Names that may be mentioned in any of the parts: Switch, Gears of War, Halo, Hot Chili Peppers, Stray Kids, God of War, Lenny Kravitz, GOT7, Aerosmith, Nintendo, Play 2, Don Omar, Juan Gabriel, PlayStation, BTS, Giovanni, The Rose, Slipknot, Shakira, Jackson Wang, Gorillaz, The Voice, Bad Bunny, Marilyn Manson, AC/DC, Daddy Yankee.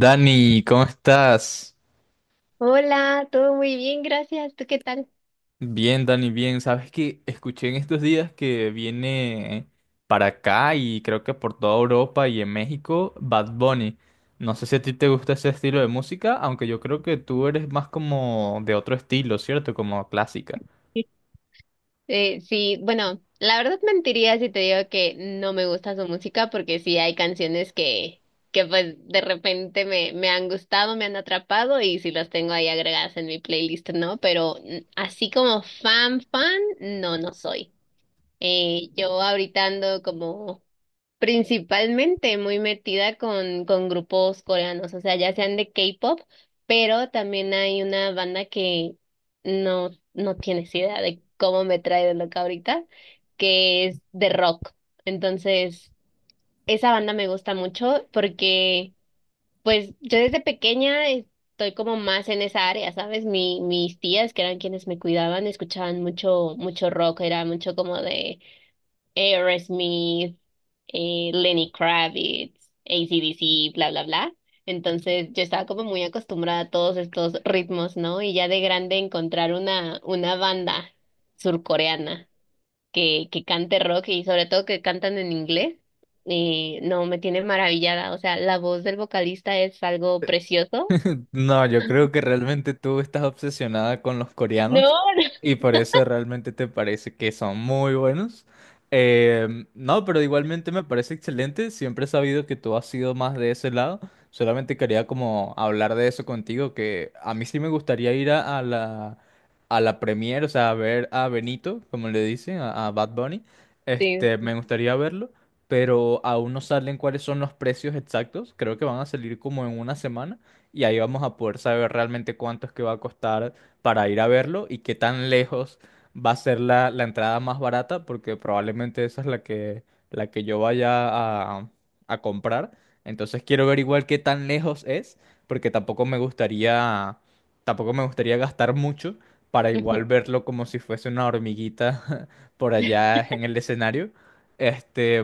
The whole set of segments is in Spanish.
Dani, ¿cómo estás? Hola, todo muy bien, gracias. ¿Tú qué tal? Bien, Dani, bien. Sabes que escuché en estos días que viene para acá y creo que por toda Europa y en México, Bad Bunny. No sé si a ti te gusta ese estilo de música, aunque yo creo que tú eres más como de otro estilo, ¿cierto? Como clásica. Sí, bueno, la verdad mentiría si te digo que no me gusta su música porque sí hay canciones que pues de repente me han gustado, me han atrapado y sí las tengo ahí agregadas en mi playlist, ¿no? Pero así como fan, fan, no, no soy. Yo ahorita ando como principalmente muy metida con grupos coreanos, o sea, ya sean de K-pop, pero también hay una banda que no, no tienes idea de cómo me trae de loca ahorita, que es de rock. Entonces, esa banda me gusta mucho porque, pues, yo desde pequeña estoy como más en esa área, ¿sabes? Mis tías, que eran quienes me cuidaban, escuchaban mucho, mucho rock, era mucho como de Aerosmith, Lenny Kravitz, AC/DC, bla, bla, bla. Entonces yo estaba como muy acostumbrada a todos estos ritmos, ¿no? Y ya de grande encontrar una banda surcoreana que cante rock y sobre todo que cantan en inglés. No, me tiene maravillada. O sea, la voz del vocalista es algo precioso. No, yo creo que realmente tú estás obsesionada con los No, coreanos no. y por eso realmente te parece que son muy buenos. No, pero igualmente me parece excelente. Siempre he sabido que tú has sido más de ese lado. Solamente quería como hablar de eso contigo, que a mí sí me gustaría ir a la premiere, o sea, a ver a Benito, como le dicen, a Bad Bunny. Sí. Me gustaría verlo, pero aún no salen cuáles son los precios exactos. Creo que van a salir como en una semana y ahí vamos a poder saber realmente cuánto es que va a costar para ir a verlo y qué tan lejos va a ser la entrada más barata, porque probablemente esa es la que yo vaya a comprar. Entonces quiero ver igual qué tan lejos es, porque tampoco me gustaría gastar mucho para Ujú. igual verlo como si fuese una hormiguita por allá en el escenario. Este,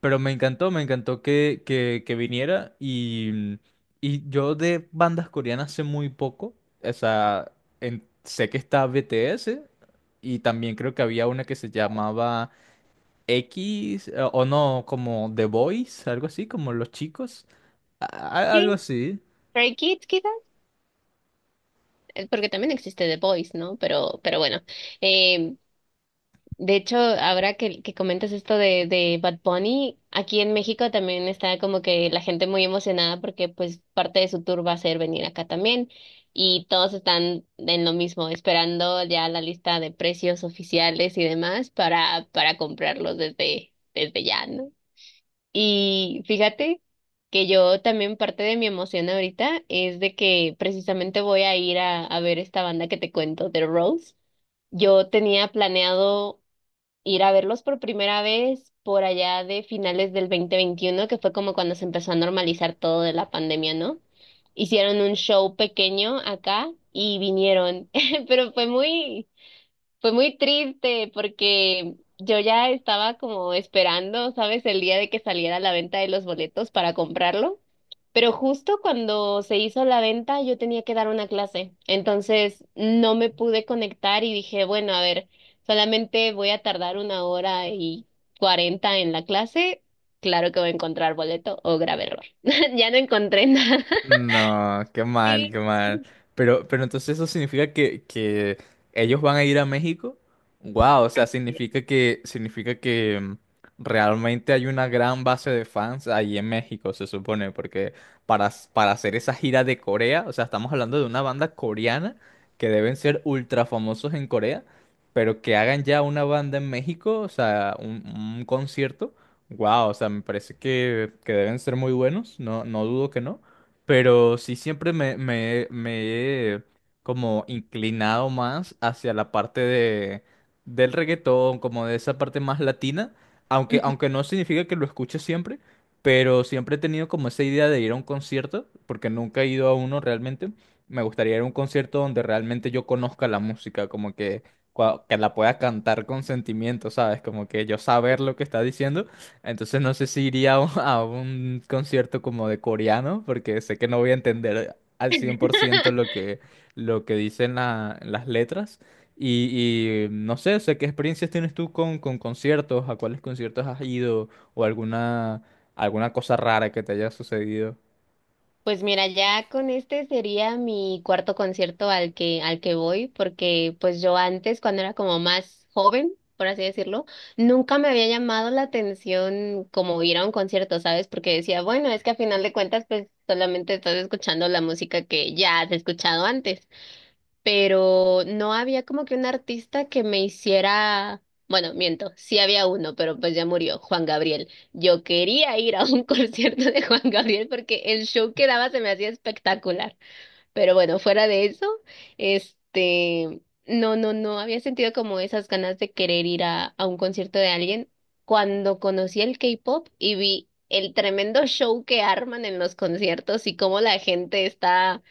pero me encantó que viniera y yo de bandas coreanas sé muy poco. O sea, sé que está BTS y también creo que había una que se llamaba X o no, como The Boys, algo así, como los chicos, algo Sí, así. Stray Kids quizás, porque también existe The Voice, ¿no? Pero bueno. De hecho, ahora que comentas esto de Bad Bunny, aquí en México también está como que la gente muy emocionada porque pues parte de su tour va a ser venir acá también y todos están en lo mismo, esperando ya la lista de precios oficiales y demás para comprarlos desde, desde ya, ¿no? Y fíjate que yo también parte de mi emoción ahorita es de que precisamente voy a ir a ver esta banda que te cuento, The Rose. Yo tenía planeado ir a verlos por primera vez por allá de finales del 2021 que fue como cuando se empezó a normalizar todo de la pandemia, ¿no? Hicieron un show pequeño acá y vinieron, pero fue muy triste porque yo ya estaba como esperando, ¿sabes? El día de que saliera la venta de los boletos para comprarlo. Pero justo cuando se hizo la venta, yo tenía que dar una clase. Entonces no me pude conectar y dije, bueno, a ver, solamente voy a tardar una hora y cuarenta en la clase. Claro que voy a encontrar boleto o grave error. Ya no encontré nada. No, qué mal, qué mal. Pero entonces eso significa que ellos van a ir a México. Wow, o sea, significa que realmente hay una gran base de fans ahí en México, se supone, porque para hacer esa gira de Corea, o sea, estamos hablando de una banda coreana que deben ser ultra famosos en Corea, pero que hagan ya una banda en México, o sea, un concierto. Wow, o sea, me parece que deben ser muy buenos, no, no dudo que no. Pero sí siempre me he como inclinado más hacia la parte del reggaetón, como de esa parte más latina, aunque, Sí. aunque no significa que lo escuche siempre, pero siempre he tenido como esa idea de ir a un concierto, porque nunca he ido a uno realmente. Me gustaría ir a un concierto donde realmente yo conozca la música, como que, que la pueda cantar con sentimiento, ¿sabes? Como que yo saber lo que está diciendo entonces no sé si iría a un concierto como de coreano, porque sé que no voy a entender al 100% lo que dicen las letras. No sé, o sea, ¿qué experiencias tienes tú con conciertos? ¿A cuáles conciertos has ido? ¿O alguna cosa rara que te haya sucedido? Pues mira, ya con este sería mi cuarto concierto al que voy, porque pues yo antes, cuando era como más joven, por así decirlo, nunca me había llamado la atención como ir a un concierto, ¿sabes? Porque decía, bueno, es que a final de cuentas, pues solamente estás escuchando la música que ya has escuchado antes, pero no había como que un artista que me hiciera, bueno, miento, sí había uno, pero pues ya murió, Juan Gabriel. Yo quería ir a un concierto de Juan Gabriel porque el show que daba se me hacía espectacular, pero bueno, fuera de eso, este, no, no, no había sentido como esas ganas de querer ir a un concierto de alguien cuando conocí el K-pop y vi el tremendo show que arman en los conciertos y cómo la gente está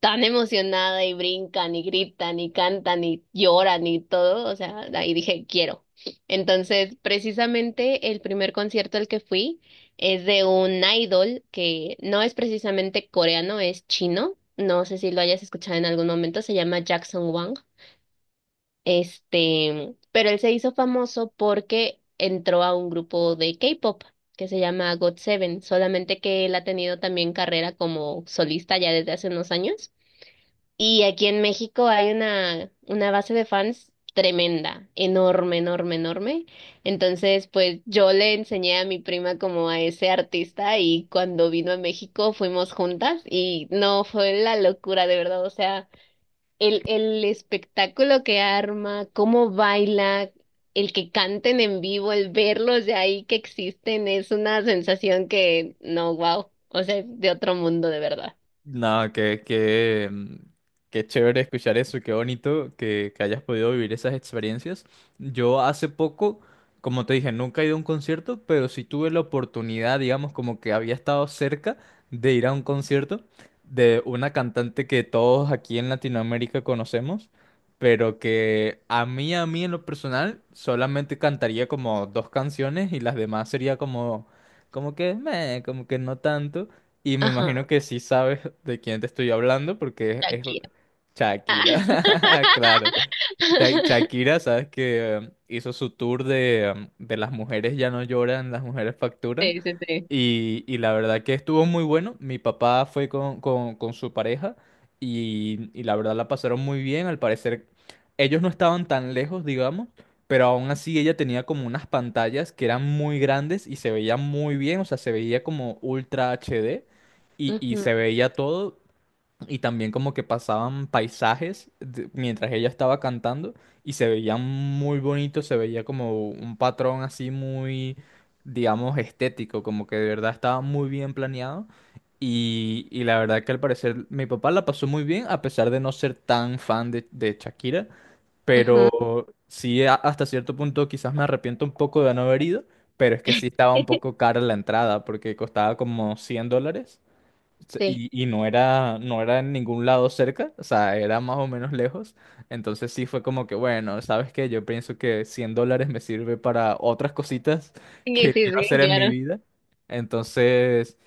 tan emocionada y brincan y gritan y cantan y lloran y todo, o sea, ahí dije, quiero. Entonces, precisamente el primer concierto al que fui es de un idol que no es precisamente coreano, es chino. No sé si lo hayas escuchado en algún momento, se llama Jackson Wang. Pero él se hizo famoso porque entró a un grupo de K-pop que se llama GOT7, solamente que él ha tenido también carrera como solista ya desde hace unos años. Y aquí en México hay una base de fans tremenda, enorme, enorme, enorme. Entonces, pues yo le enseñé a mi prima como a ese artista y cuando vino a México fuimos juntas y no, fue la locura, de verdad. O sea, el espectáculo que arma, cómo baila, el que canten en vivo, el verlos de ahí que existen, es una sensación que, no, wow, o sea, es de otro mundo, de verdad. Nada, qué chévere escuchar eso, qué bonito que hayas podido vivir esas experiencias. Yo hace poco, como te dije, nunca he ido a un concierto, pero sí tuve la oportunidad, digamos, como que había estado cerca de ir a un concierto de una cantante que todos aquí en Latinoamérica conocemos, pero que a mí en lo personal, solamente cantaría como dos canciones y las demás sería como que, meh, como que no tanto. Y me imagino Ajá, que sí sabes de quién te estoy hablando porque es Shakira. Shakira. Claro. Shakira, ¿sabes que hizo su tour de las mujeres ya no lloran, las mujeres facturan? Sí, sí, sí. Y la verdad que estuvo muy bueno. Mi papá fue con su pareja y la verdad la pasaron muy bien. Al parecer ellos no estaban tan lejos, digamos, pero aún así ella tenía como unas pantallas que eran muy grandes y se veía muy bien, o sea, se veía como ultra HD y Ujú, se veía todo y también como que pasaban paisajes mientras ella estaba cantando y se veía muy bonito se veía como un patrón así muy, digamos, estético, como que de verdad estaba muy bien planeado. Y la verdad que al parecer mi papá la pasó muy bien, a pesar de no ser tan fan de Shakira, ujú. pero sí hasta cierto punto quizás me arrepiento un poco de no haber ido, pero es que sí estaba un poco cara la entrada porque costaba como $100. Se- Sí. Y, y no era en ningún lado cerca, o sea, era más o menos lejos. Entonces sí fue como que, bueno, ¿sabes qué? Yo pienso que $100 me sirve para otras cositas Sí, que sí, quiero sí, hacer en mi claro. vida. Entonces,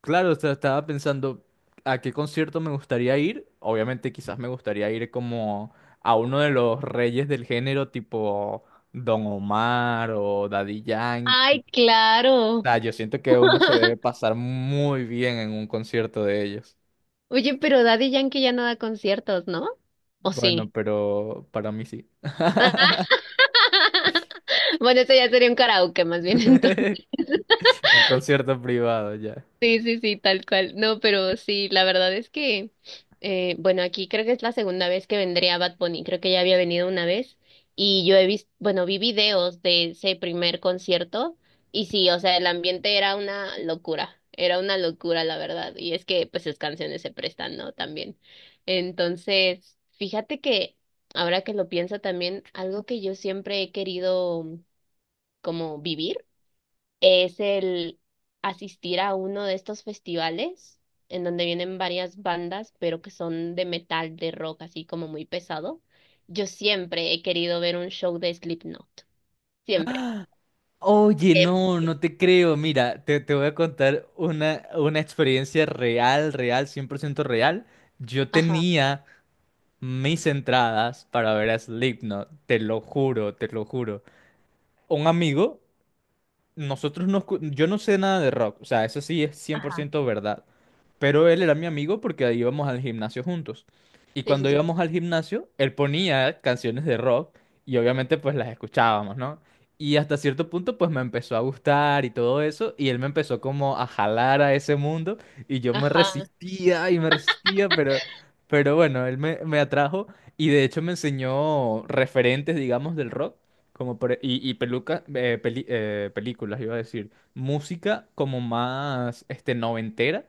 claro, o sea, estaba pensando a qué concierto me gustaría ir. Obviamente quizás me gustaría ir como a uno de los reyes del género, tipo Don Omar o Daddy Yankee. Ay, O claro. sea, yo siento que uno se debe pasar muy bien en un concierto de ellos. Oye, pero Daddy Yankee ya no da conciertos, ¿no? ¿O Bueno, sí? pero para mí sí. Bueno, eso ya sería un karaoke más bien. Un concierto privado ya. Sí, sí, sí, tal cual. No, pero sí, la verdad es que, bueno, aquí creo que es la segunda vez que vendría Bad Bunny, creo que ya había venido una vez y yo he visto, bueno, vi videos de ese primer concierto y sí, o sea, el ambiente era una locura, la verdad. Y es que, pues, sus canciones se prestan, ¿no? También. Entonces, fíjate que, ahora que lo pienso también, algo que yo siempre he querido como vivir es el asistir a uno de estos festivales en donde vienen varias bandas, pero que son de metal, de rock, así como muy pesado. Yo siempre he querido ver un show de Slipknot, siempre. Oye, Em, no, no te creo. Mira, te voy a contar una experiencia real, real, 100% real. Yo ajá, tenía mis entradas para ver a Slipknot, te lo juro, te lo juro. Un amigo Nosotros no, yo no sé nada de rock, o sea, eso sí es cien por ajá, ciento verdad. Pero él era mi amigo porque ahí íbamos al gimnasio juntos. Y sí, sí, cuando sí. íbamos al gimnasio, él ponía canciones de rock y obviamente pues las escuchábamos, ¿no? Y hasta cierto punto pues me empezó a gustar y todo eso y él me empezó como a jalar a ese mundo y yo me Ajá, resistía y me resistía, pero bueno, él me atrajo y de hecho me enseñó referentes, digamos, del rock. Y peluca, películas, iba a decir. Música como más este, noventera,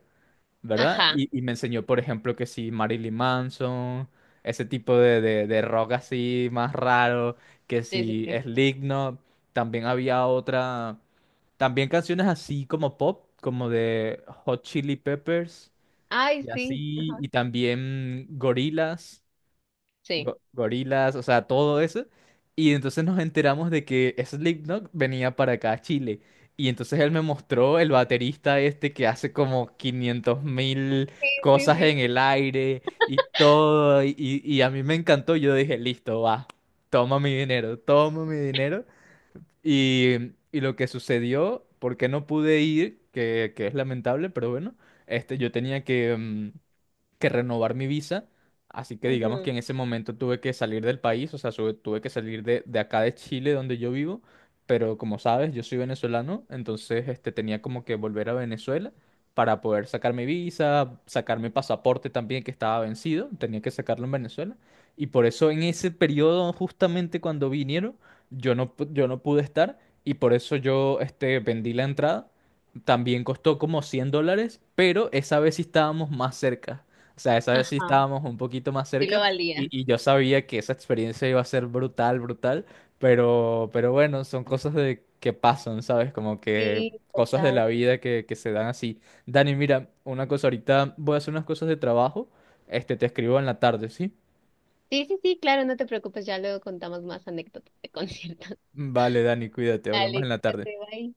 ¿verdad? ajá, Y me enseñó, por ejemplo, que sí, Marilyn Manson, ese tipo de rock así más raro, que sí, sí, sí, sí. Slipknot. También había otra, también canciones así como pop, como de Hot Chili Peppers Ay, y sí, así, y también Gorillaz sí. Gorilas, o sea, todo eso. Y entonces nos enteramos de que Slipknot venía para acá a Chile. Y entonces él me mostró el baterista este que hace como 500 mil Sí, cosas sí. en el aire y todo. Y a mí me encantó. Yo dije, listo, va, toma mi dinero, toma mi dinero. Y lo que sucedió, porque no pude ir, que es lamentable, pero bueno, yo tenía que renovar mi visa. Así que digamos que Ujú. en ese momento tuve que salir del país, o sea, tuve que salir de acá de Chile, donde yo vivo. Pero como sabes, yo soy venezolano, entonces tenía como que volver a Venezuela para poder sacar mi visa, sacar mi pasaporte también que estaba vencido, tenía que sacarlo en Venezuela. Y por eso en ese periodo, justamente cuando vinieron, yo no pude estar y por eso yo vendí la entrada. También costó como $100, pero esa vez sí estábamos más cerca. O sea, esa vez sí Ajá, estábamos un poquito más sí cerca lo y, valía. y yo sabía que esa experiencia iba a ser brutal, brutal, pero bueno, son cosas de que pasan, ¿sabes? Como que Sí, cosas de total. la vida que se dan así. Dani, mira, una cosa, ahorita voy a hacer unas cosas de trabajo, te escribo en la tarde, ¿sí? Sí, sí, sí, claro, no te preocupes, ya luego contamos más anécdotas de conciertos. Vale, Dani, cuídate, hablamos Dale, en la tarde. quédate, bye.